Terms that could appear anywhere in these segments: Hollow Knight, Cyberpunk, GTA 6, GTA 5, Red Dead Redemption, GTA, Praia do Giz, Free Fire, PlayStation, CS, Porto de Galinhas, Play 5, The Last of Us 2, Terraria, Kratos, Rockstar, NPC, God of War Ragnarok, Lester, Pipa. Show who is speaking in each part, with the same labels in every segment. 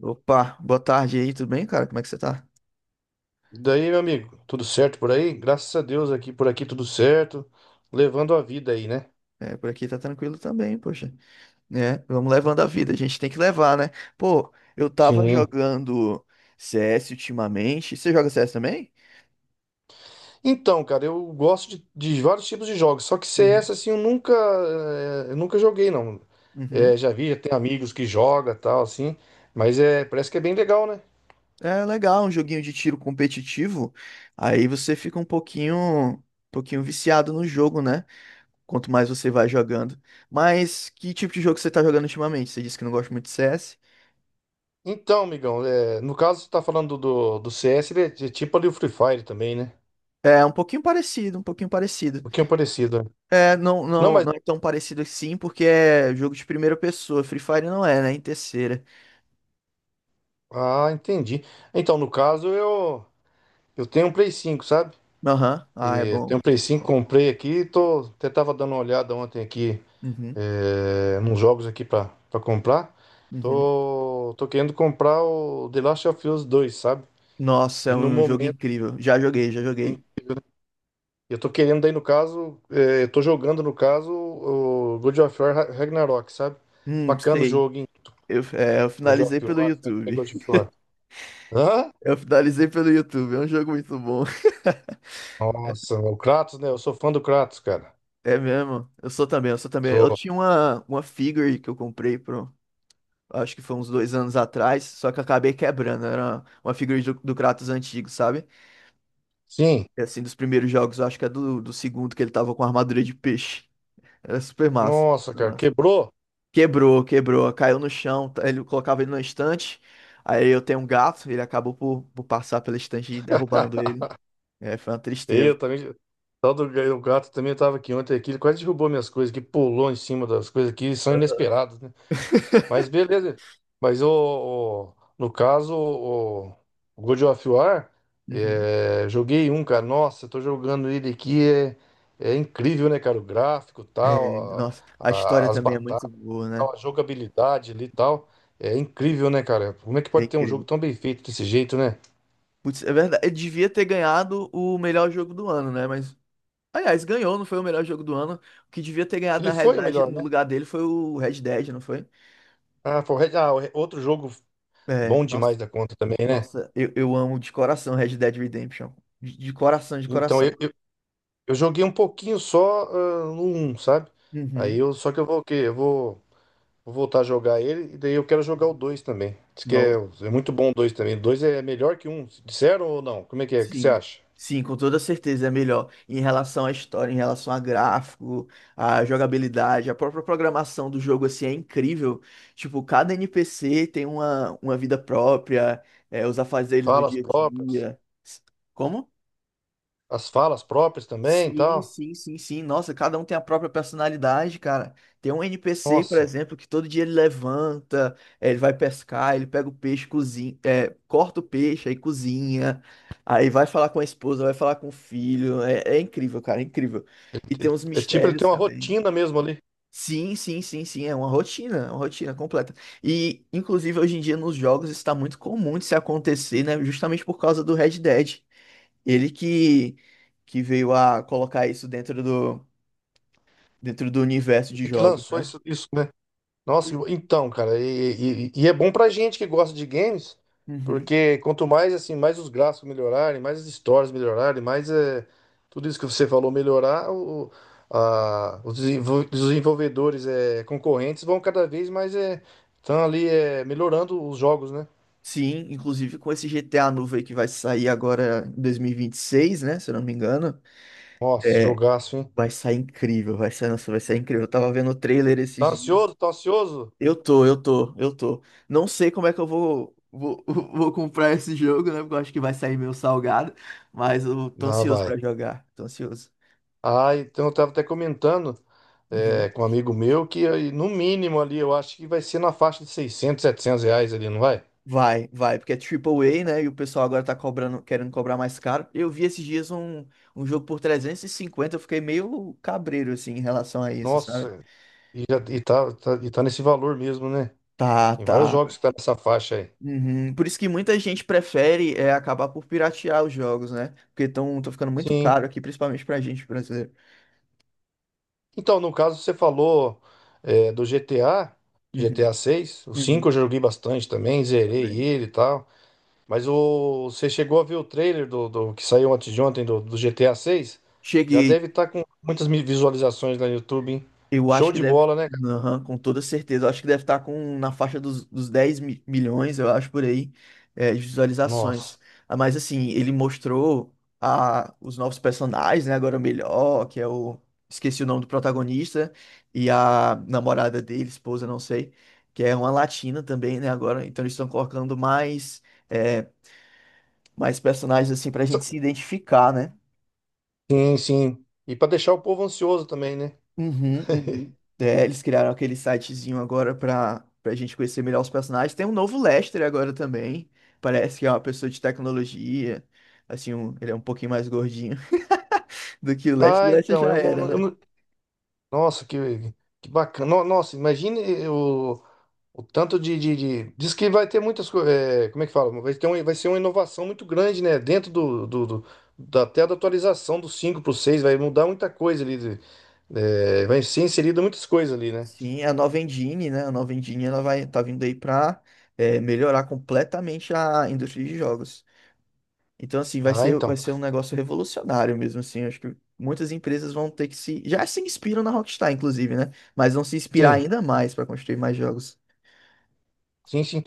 Speaker 1: Opa, boa tarde aí, tudo bem, cara? Como é que você tá?
Speaker 2: E daí, meu amigo, tudo certo por aí? Graças a Deus aqui por aqui tudo certo, levando a vida aí, né?
Speaker 1: É, por aqui tá tranquilo também, poxa. É, vamos levando a vida, a gente tem que levar, né? Pô, eu tava
Speaker 2: Sim.
Speaker 1: jogando CS ultimamente. Você joga CS também?
Speaker 2: Então, cara, eu gosto de vários tipos de jogos, só que
Speaker 1: Uhum.
Speaker 2: CS assim eu nunca eu nunca joguei não.
Speaker 1: Uhum.
Speaker 2: Já vi, já tenho amigos que joga, tal assim, mas é, parece que é bem legal, né?
Speaker 1: É legal, um joguinho de tiro competitivo. Aí você fica um pouquinho viciado no jogo, né? Quanto mais você vai jogando. Mas que tipo de jogo você tá jogando ultimamente? Você disse que não gosta muito de CS.
Speaker 2: Então, amigão, no caso você tá falando do CS, ele é tipo ali o Free Fire também, né?
Speaker 1: É um pouquinho parecido, um pouquinho
Speaker 2: Um
Speaker 1: parecido.
Speaker 2: pouquinho parecido, né?
Speaker 1: É, não,
Speaker 2: Não,
Speaker 1: não,
Speaker 2: mas
Speaker 1: não é tão parecido assim, porque é jogo de primeira pessoa. Free Fire não é, né? Em terceira.
Speaker 2: ah, entendi. Então, no caso eu tenho um Play 5, sabe?
Speaker 1: Aham. Ah, é
Speaker 2: E tem um
Speaker 1: bom.
Speaker 2: Play 5,
Speaker 1: Bom.
Speaker 2: comprei aqui, tô, até tava dando uma olhada ontem aqui
Speaker 1: Uhum,
Speaker 2: é, nos jogos aqui pra comprar.
Speaker 1: uhum.
Speaker 2: Tô querendo comprar o The Last of Us 2, sabe?
Speaker 1: Nossa,
Speaker 2: E
Speaker 1: é
Speaker 2: no
Speaker 1: um jogo
Speaker 2: momento,
Speaker 1: incrível. Já joguei, já
Speaker 2: hein,
Speaker 1: joguei.
Speaker 2: eu tô querendo daí no caso, é, eu tô jogando no caso o God of War Ragnarok, sabe? Bacana o
Speaker 1: Sei.
Speaker 2: jogo, hein?
Speaker 1: Eu
Speaker 2: God
Speaker 1: finalizei
Speaker 2: of
Speaker 1: pelo
Speaker 2: War, como é que é
Speaker 1: YouTube.
Speaker 2: God of War? Hã?
Speaker 1: Eu finalizei pelo YouTube. É um jogo muito bom.
Speaker 2: Nossa, o Kratos, né? Eu sou fã do Kratos, cara.
Speaker 1: É mesmo? Eu sou também, eu sou também. Eu
Speaker 2: Sou.
Speaker 1: tinha uma figure que eu comprei pro. Acho que foi uns dois anos atrás, só que eu acabei quebrando. Era uma figure do Kratos antigo, sabe?
Speaker 2: Sim.
Speaker 1: E, assim, dos primeiros jogos, eu acho que é do segundo, que ele tava com armadura de peixe. Era super massa,
Speaker 2: Nossa,
Speaker 1: super
Speaker 2: cara,
Speaker 1: massa.
Speaker 2: quebrou.
Speaker 1: Quebrou, quebrou, caiu no chão, tá- ele colocava ele na estante. Aí eu tenho um gato, ele acabou por passar pela estante e derrubando ele. É, foi uma
Speaker 2: E
Speaker 1: tristeza.
Speaker 2: eu também. O tal do o gato também estava aqui ontem aqui, ele quase derrubou minhas coisas aqui, pulou em cima das coisas aqui, são inesperados, né? Mas beleza. Mas no caso, o God of War,
Speaker 1: Uhum.
Speaker 2: é, joguei um, cara. Nossa, eu tô jogando ele aqui, é, é incrível, né, cara? O gráfico,
Speaker 1: É,
Speaker 2: tal,
Speaker 1: nossa, a história
Speaker 2: as
Speaker 1: também é muito
Speaker 2: batalhas,
Speaker 1: boa, né?
Speaker 2: tal, a jogabilidade ali e tal. É incrível, né, cara? Como é que
Speaker 1: É
Speaker 2: pode ter um jogo
Speaker 1: incrível.
Speaker 2: tão bem feito desse jeito, né?
Speaker 1: Putz, é verdade, ele devia ter ganhado o melhor jogo do ano, né? Mas, aliás, ganhou, não foi o melhor jogo do ano. O que devia ter ganhado, na
Speaker 2: Ele foi o
Speaker 1: realidade,
Speaker 2: melhor,
Speaker 1: no
Speaker 2: né?
Speaker 1: lugar dele foi o Red Dead, não foi?
Speaker 2: Ah, foi o outro jogo
Speaker 1: É,
Speaker 2: bom
Speaker 1: nossa.
Speaker 2: demais da conta também, né?
Speaker 1: Nossa, eu amo de coração Red Dead Redemption. De coração, de
Speaker 2: Então,
Speaker 1: coração.
Speaker 2: eu joguei um pouquinho só ah, no um sabe?
Speaker 1: Uhum.
Speaker 2: Só que eu vou o quê? Vou voltar a jogar ele e daí eu quero jogar o 2 também. Diz que é,
Speaker 1: Não.
Speaker 2: é muito bom o 2 também. O 2 é melhor que o um. Disseram ou não? Como é que é? O que você
Speaker 1: Sim.
Speaker 2: acha?
Speaker 1: Sim, com toda certeza é melhor. Em relação à história, em relação a gráfico, à jogabilidade, a própria programação do jogo assim é incrível. Tipo, cada NPC tem uma vida própria, é, os afazeres do
Speaker 2: Falas
Speaker 1: dia a
Speaker 2: próprias.
Speaker 1: dia. Como?
Speaker 2: As falas próprias também e
Speaker 1: Sim,
Speaker 2: tal.
Speaker 1: sim, sim, sim. Nossa, cada um tem a própria personalidade, cara. Tem um NPC, por
Speaker 2: Nossa.
Speaker 1: exemplo, que todo dia ele levanta, ele vai pescar, ele pega o peixe, cozinha, corta o peixe, aí cozinha, aí vai falar com a esposa, vai falar com o filho. É, é incrível, cara, é incrível. E tem uns
Speaker 2: É tipo ele tem
Speaker 1: mistérios
Speaker 2: uma
Speaker 1: também.
Speaker 2: rotina mesmo ali.
Speaker 1: Sim, sim, sim, sim. É uma rotina completa. E, inclusive, hoje em dia nos jogos está muito comum de se acontecer, né? Justamente por causa do Red Dead. Ele que veio a colocar isso dentro do universo de
Speaker 2: E que
Speaker 1: jogos,
Speaker 2: lançou
Speaker 1: né?
Speaker 2: isso, né? Nossa, então, cara, e é bom pra gente que gosta de games,
Speaker 1: Uhum.
Speaker 2: porque quanto mais assim, mais os gráficos melhorarem, mais as histórias melhorarem, mais é, tudo isso que você falou melhorar, os desenvolvedores é, concorrentes vão cada vez mais é, estão ali é, melhorando os jogos, né?
Speaker 1: Sim, inclusive com esse GTA novo aí que vai sair agora em 2026, né? Se eu não me engano.
Speaker 2: Nossa,
Speaker 1: É,
Speaker 2: jogaço, hein?
Speaker 1: vai sair incrível, vai sair, nossa, vai sair incrível. Eu tava vendo o trailer esses
Speaker 2: Tá
Speaker 1: dias.
Speaker 2: ansioso? Tá ansioso?
Speaker 1: Eu tô. Não sei como é que eu vou comprar esse jogo, né? Porque eu acho que vai sair meio salgado. Mas eu tô
Speaker 2: Não,
Speaker 1: ansioso
Speaker 2: vai.
Speaker 1: pra jogar, tô ansioso.
Speaker 2: Ah, então eu estava até comentando é,
Speaker 1: Uhum.
Speaker 2: com um amigo meu que aí, no mínimo ali eu acho que vai ser na faixa de 600, 700 reais ali, não vai?
Speaker 1: Vai, vai, porque é triple A, né? E o pessoal agora tá cobrando, querendo cobrar mais caro. Eu vi esses dias um jogo por 350, eu fiquei meio cabreiro, assim, em relação a isso, sabe?
Speaker 2: Nossa, e tá nesse valor mesmo, né?
Speaker 1: Tá,
Speaker 2: Tem vários
Speaker 1: tá.
Speaker 2: jogos que tá nessa faixa aí.
Speaker 1: Uhum. Por isso que muita gente prefere é, acabar por piratear os jogos, né? Porque estão ficando muito
Speaker 2: Sim.
Speaker 1: caro aqui, principalmente pra gente brasileiro.
Speaker 2: Então, no caso, você falou é, do GTA, do
Speaker 1: Uhum.
Speaker 2: GTA seis. O cinco eu
Speaker 1: Uhum.
Speaker 2: joguei bastante também, zerei
Speaker 1: Também.
Speaker 2: ele e tal. Mas você chegou a ver o trailer que saiu antes de ontem do GTA 6? Já
Speaker 1: Cheguei.
Speaker 2: deve estar com muitas visualizações lá no YouTube, hein?
Speaker 1: Eu acho
Speaker 2: Show
Speaker 1: que
Speaker 2: de
Speaker 1: deve,
Speaker 2: bola, né, cara?
Speaker 1: aham, com toda certeza, eu acho que deve estar com na faixa dos 10 mi- milhões, eu acho, por aí, é, de
Speaker 2: Nossa.
Speaker 1: visualizações. Ah, mas assim, ele mostrou a, os novos personagens, né? Agora o melhor, que é o. Esqueci o nome do protagonista, e a namorada dele, esposa, não sei, que é uma latina também, né? Agora, então eles estão colocando mais, é, mais personagens assim pra gente se identificar, né?
Speaker 2: Sim, sim. E para deixar o povo ansioso também, né?
Speaker 1: Uhum, uhum. É, eles criaram aquele sitezinho agora pra gente conhecer melhor os personagens. Tem um novo Lester agora também. Parece que é uma pessoa de tecnologia. Assim, um- ele é um pouquinho mais gordinho do que o Lester. O
Speaker 2: Ah,
Speaker 1: Lester
Speaker 2: então,
Speaker 1: já era,
Speaker 2: eu
Speaker 1: né?
Speaker 2: não. Nossa, que bacana. No. Nossa, imagine o. O tanto diz que vai ter muitas coisas. Como é que fala? Vai ser uma inovação muito grande, né? Dentro do da, até da atualização do cinco para o 6 vai mudar muita coisa ali. É, vai ser inserida muitas coisas ali, né?
Speaker 1: Sim, a nova engine, né? A nova engine, ela vai, tá vindo aí pra melhorar completamente a indústria de jogos. Então, assim,
Speaker 2: Ah,
Speaker 1: vai
Speaker 2: então.
Speaker 1: ser um negócio revolucionário mesmo, assim. Acho que muitas empresas vão ter que se... Já se inspiram na Rockstar, inclusive, né? Mas vão se inspirar
Speaker 2: Sim,
Speaker 1: ainda mais para construir mais jogos.
Speaker 2: sim.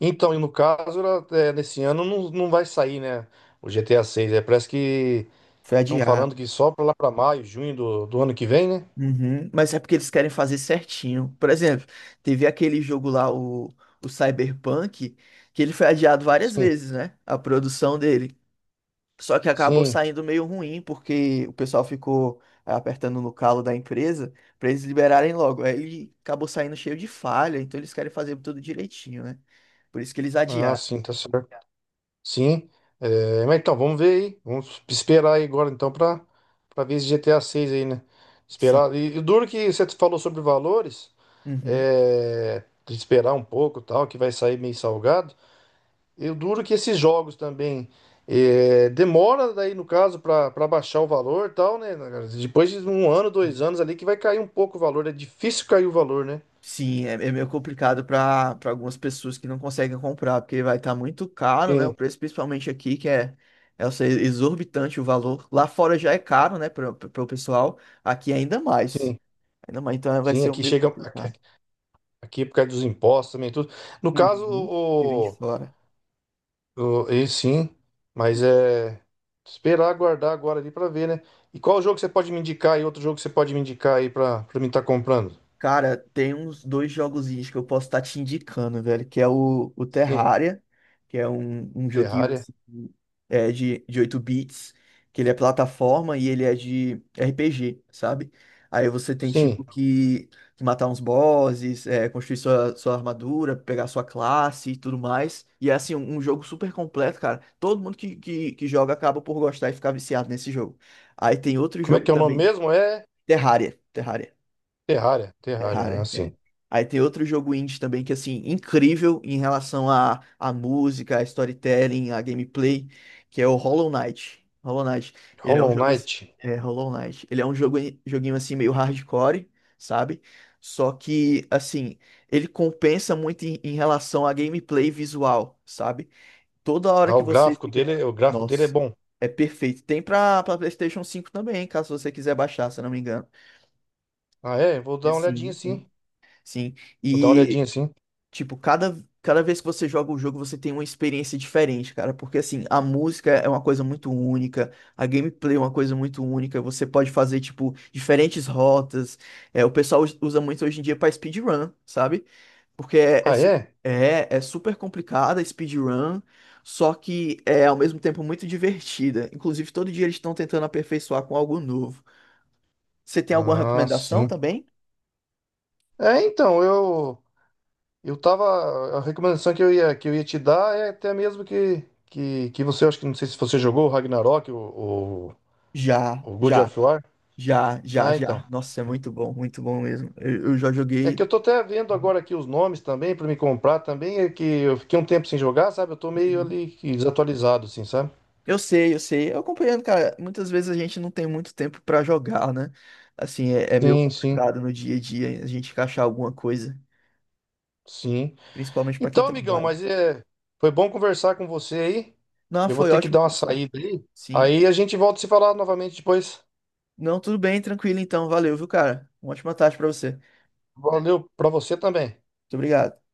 Speaker 2: Então, e no caso, ela, é, nesse ano não vai sair, né? O GTA seis, é, parece que
Speaker 1: Foi
Speaker 2: estão
Speaker 1: adiado.
Speaker 2: falando que só para lá para maio, junho do ano que vem, né?
Speaker 1: Uhum. Mas é porque eles querem fazer certinho. Por exemplo, teve aquele jogo lá, o Cyberpunk, que ele foi adiado várias
Speaker 2: Sim,
Speaker 1: vezes, né? A produção dele. Só que acabou
Speaker 2: sim.
Speaker 1: saindo meio ruim, porque o pessoal ficou é, apertando no calo da empresa pra eles liberarem logo. Aí ele acabou saindo cheio de falha, então eles querem fazer tudo direitinho, né? Por isso que eles
Speaker 2: Ah,
Speaker 1: adiaram.
Speaker 2: sim, tá certo. Sim, é, mas então, vamos ver aí. Vamos esperar aí agora então pra ver esse GTA seis aí, né?
Speaker 1: Sim.
Speaker 2: Esperar. E o duro que você falou sobre valores,
Speaker 1: Uhum.
Speaker 2: é, de esperar um pouco e tal, que vai sair meio salgado. E o duro que esses jogos também é, demora daí, no caso, pra baixar o valor e tal, né? Cara? Depois de um ano, dois anos ali que vai cair um pouco o valor. É difícil cair o valor, né?
Speaker 1: Sim, é, é meio complicado para algumas pessoas que não conseguem comprar, porque vai estar muito caro, né? O
Speaker 2: Sim,
Speaker 1: preço, principalmente aqui, que é, é eu sei, exorbitante o valor. Lá fora já é caro, né, para o pessoal, aqui ainda mais.
Speaker 2: sim,
Speaker 1: Ainda mais, então vai
Speaker 2: sim.
Speaker 1: ser um
Speaker 2: Aqui
Speaker 1: meio
Speaker 2: chega.
Speaker 1: complicado.
Speaker 2: Aqui por causa dos impostos também, tudo. No caso,
Speaker 1: Uhum. Que vem de
Speaker 2: o.
Speaker 1: fora.
Speaker 2: E sim, mas é esperar aguardar agora ali pra ver, né? E qual jogo você pode me indicar aí? Outro jogo que você pode me indicar aí pra para mim estar comprando?
Speaker 1: Cara, tem uns dois jogozinhos que eu posso estar te indicando, velho, que é o
Speaker 2: Sim,
Speaker 1: Terraria, que é um joguinho
Speaker 2: Terraria.
Speaker 1: assim, de 8 bits, que ele é plataforma e ele é de RPG, sabe? Aí você tem tipo
Speaker 2: Sim.
Speaker 1: que matar uns bosses, é, construir sua armadura, pegar sua classe e tudo mais. E é assim, um jogo super completo, cara. Todo mundo que joga acaba por gostar e ficar viciado nesse jogo. Aí tem outro
Speaker 2: Como é
Speaker 1: jogo
Speaker 2: que é o nome
Speaker 1: também,
Speaker 2: mesmo? É
Speaker 1: Terraria. Terraria.
Speaker 2: Terraria, ah,
Speaker 1: Terraria. É. É.
Speaker 2: sim.
Speaker 1: Aí tem outro jogo indie também que, assim, incrível em relação à música, à storytelling, à gameplay, que é o Hollow Knight. Hollow Knight. Ele é um
Speaker 2: Hollow
Speaker 1: jogo... assim-
Speaker 2: Knight.
Speaker 1: É, Hollow Knight. Ele é um jogo, joguinho, assim, meio hardcore, sabe? Só que, assim, ele compensa muito em, em relação à gameplay visual, sabe? Toda hora
Speaker 2: Ah,
Speaker 1: que você fica...
Speaker 2: o gráfico dele é
Speaker 1: Nossa,
Speaker 2: bom.
Speaker 1: é perfeito. Tem pra PlayStation 5 também, caso você quiser baixar, se eu não me engano.
Speaker 2: Ah, é? Vou dar uma olhadinha
Speaker 1: Sim, sim.
Speaker 2: sim.
Speaker 1: Sim.
Speaker 2: Vou dar uma
Speaker 1: E
Speaker 2: olhadinha sim.
Speaker 1: tipo, cada vez que você joga o jogo, você tem uma experiência diferente, cara. Porque, assim, a música é uma coisa muito única, a gameplay é uma coisa muito única. Você pode fazer, tipo, diferentes rotas. É, o pessoal usa muito hoje em dia pra speedrun, sabe? Porque
Speaker 2: Ah, é?
Speaker 1: é super complicada a speedrun, só que é, ao mesmo tempo, muito divertida. Inclusive, todo dia eles estão tentando aperfeiçoar com algo novo. Você tem alguma
Speaker 2: Ah,
Speaker 1: recomendação
Speaker 2: sim.
Speaker 1: também?
Speaker 2: É, então, eu. Eu tava. A recomendação que que eu ia te dar é até mesmo que você, acho que não sei se você jogou o Ragnarok,
Speaker 1: Já,
Speaker 2: o God
Speaker 1: já.
Speaker 2: of War.
Speaker 1: Já, já,
Speaker 2: Ah, então.
Speaker 1: já. Nossa, é muito bom mesmo. Eu já
Speaker 2: É que
Speaker 1: joguei.
Speaker 2: eu tô até vendo agora aqui os nomes também pra me comprar também. É que eu fiquei um tempo sem jogar, sabe? Eu tô meio
Speaker 1: Uhum.
Speaker 2: ali que desatualizado, assim, sabe?
Speaker 1: Eu sei, eu sei. Eu acompanhando, cara, muitas vezes a gente não tem muito tempo pra jogar, né? Assim, é, é meio
Speaker 2: Sim, sim,
Speaker 1: complicado no dia a dia a gente encaixar alguma coisa,
Speaker 2: sim.
Speaker 1: principalmente pra quem
Speaker 2: Então, amigão,
Speaker 1: trabalha.
Speaker 2: mas é, foi bom conversar com você aí.
Speaker 1: Não,
Speaker 2: Eu vou
Speaker 1: foi
Speaker 2: ter que
Speaker 1: ótimo
Speaker 2: dar uma
Speaker 1: conversar.
Speaker 2: saída aí.
Speaker 1: Sim.
Speaker 2: Aí a gente volta a se falar novamente depois.
Speaker 1: Não, tudo bem, tranquilo então. Valeu, viu, cara? Uma ótima tarde pra você.
Speaker 2: Valeu pra você também.
Speaker 1: Muito obrigado.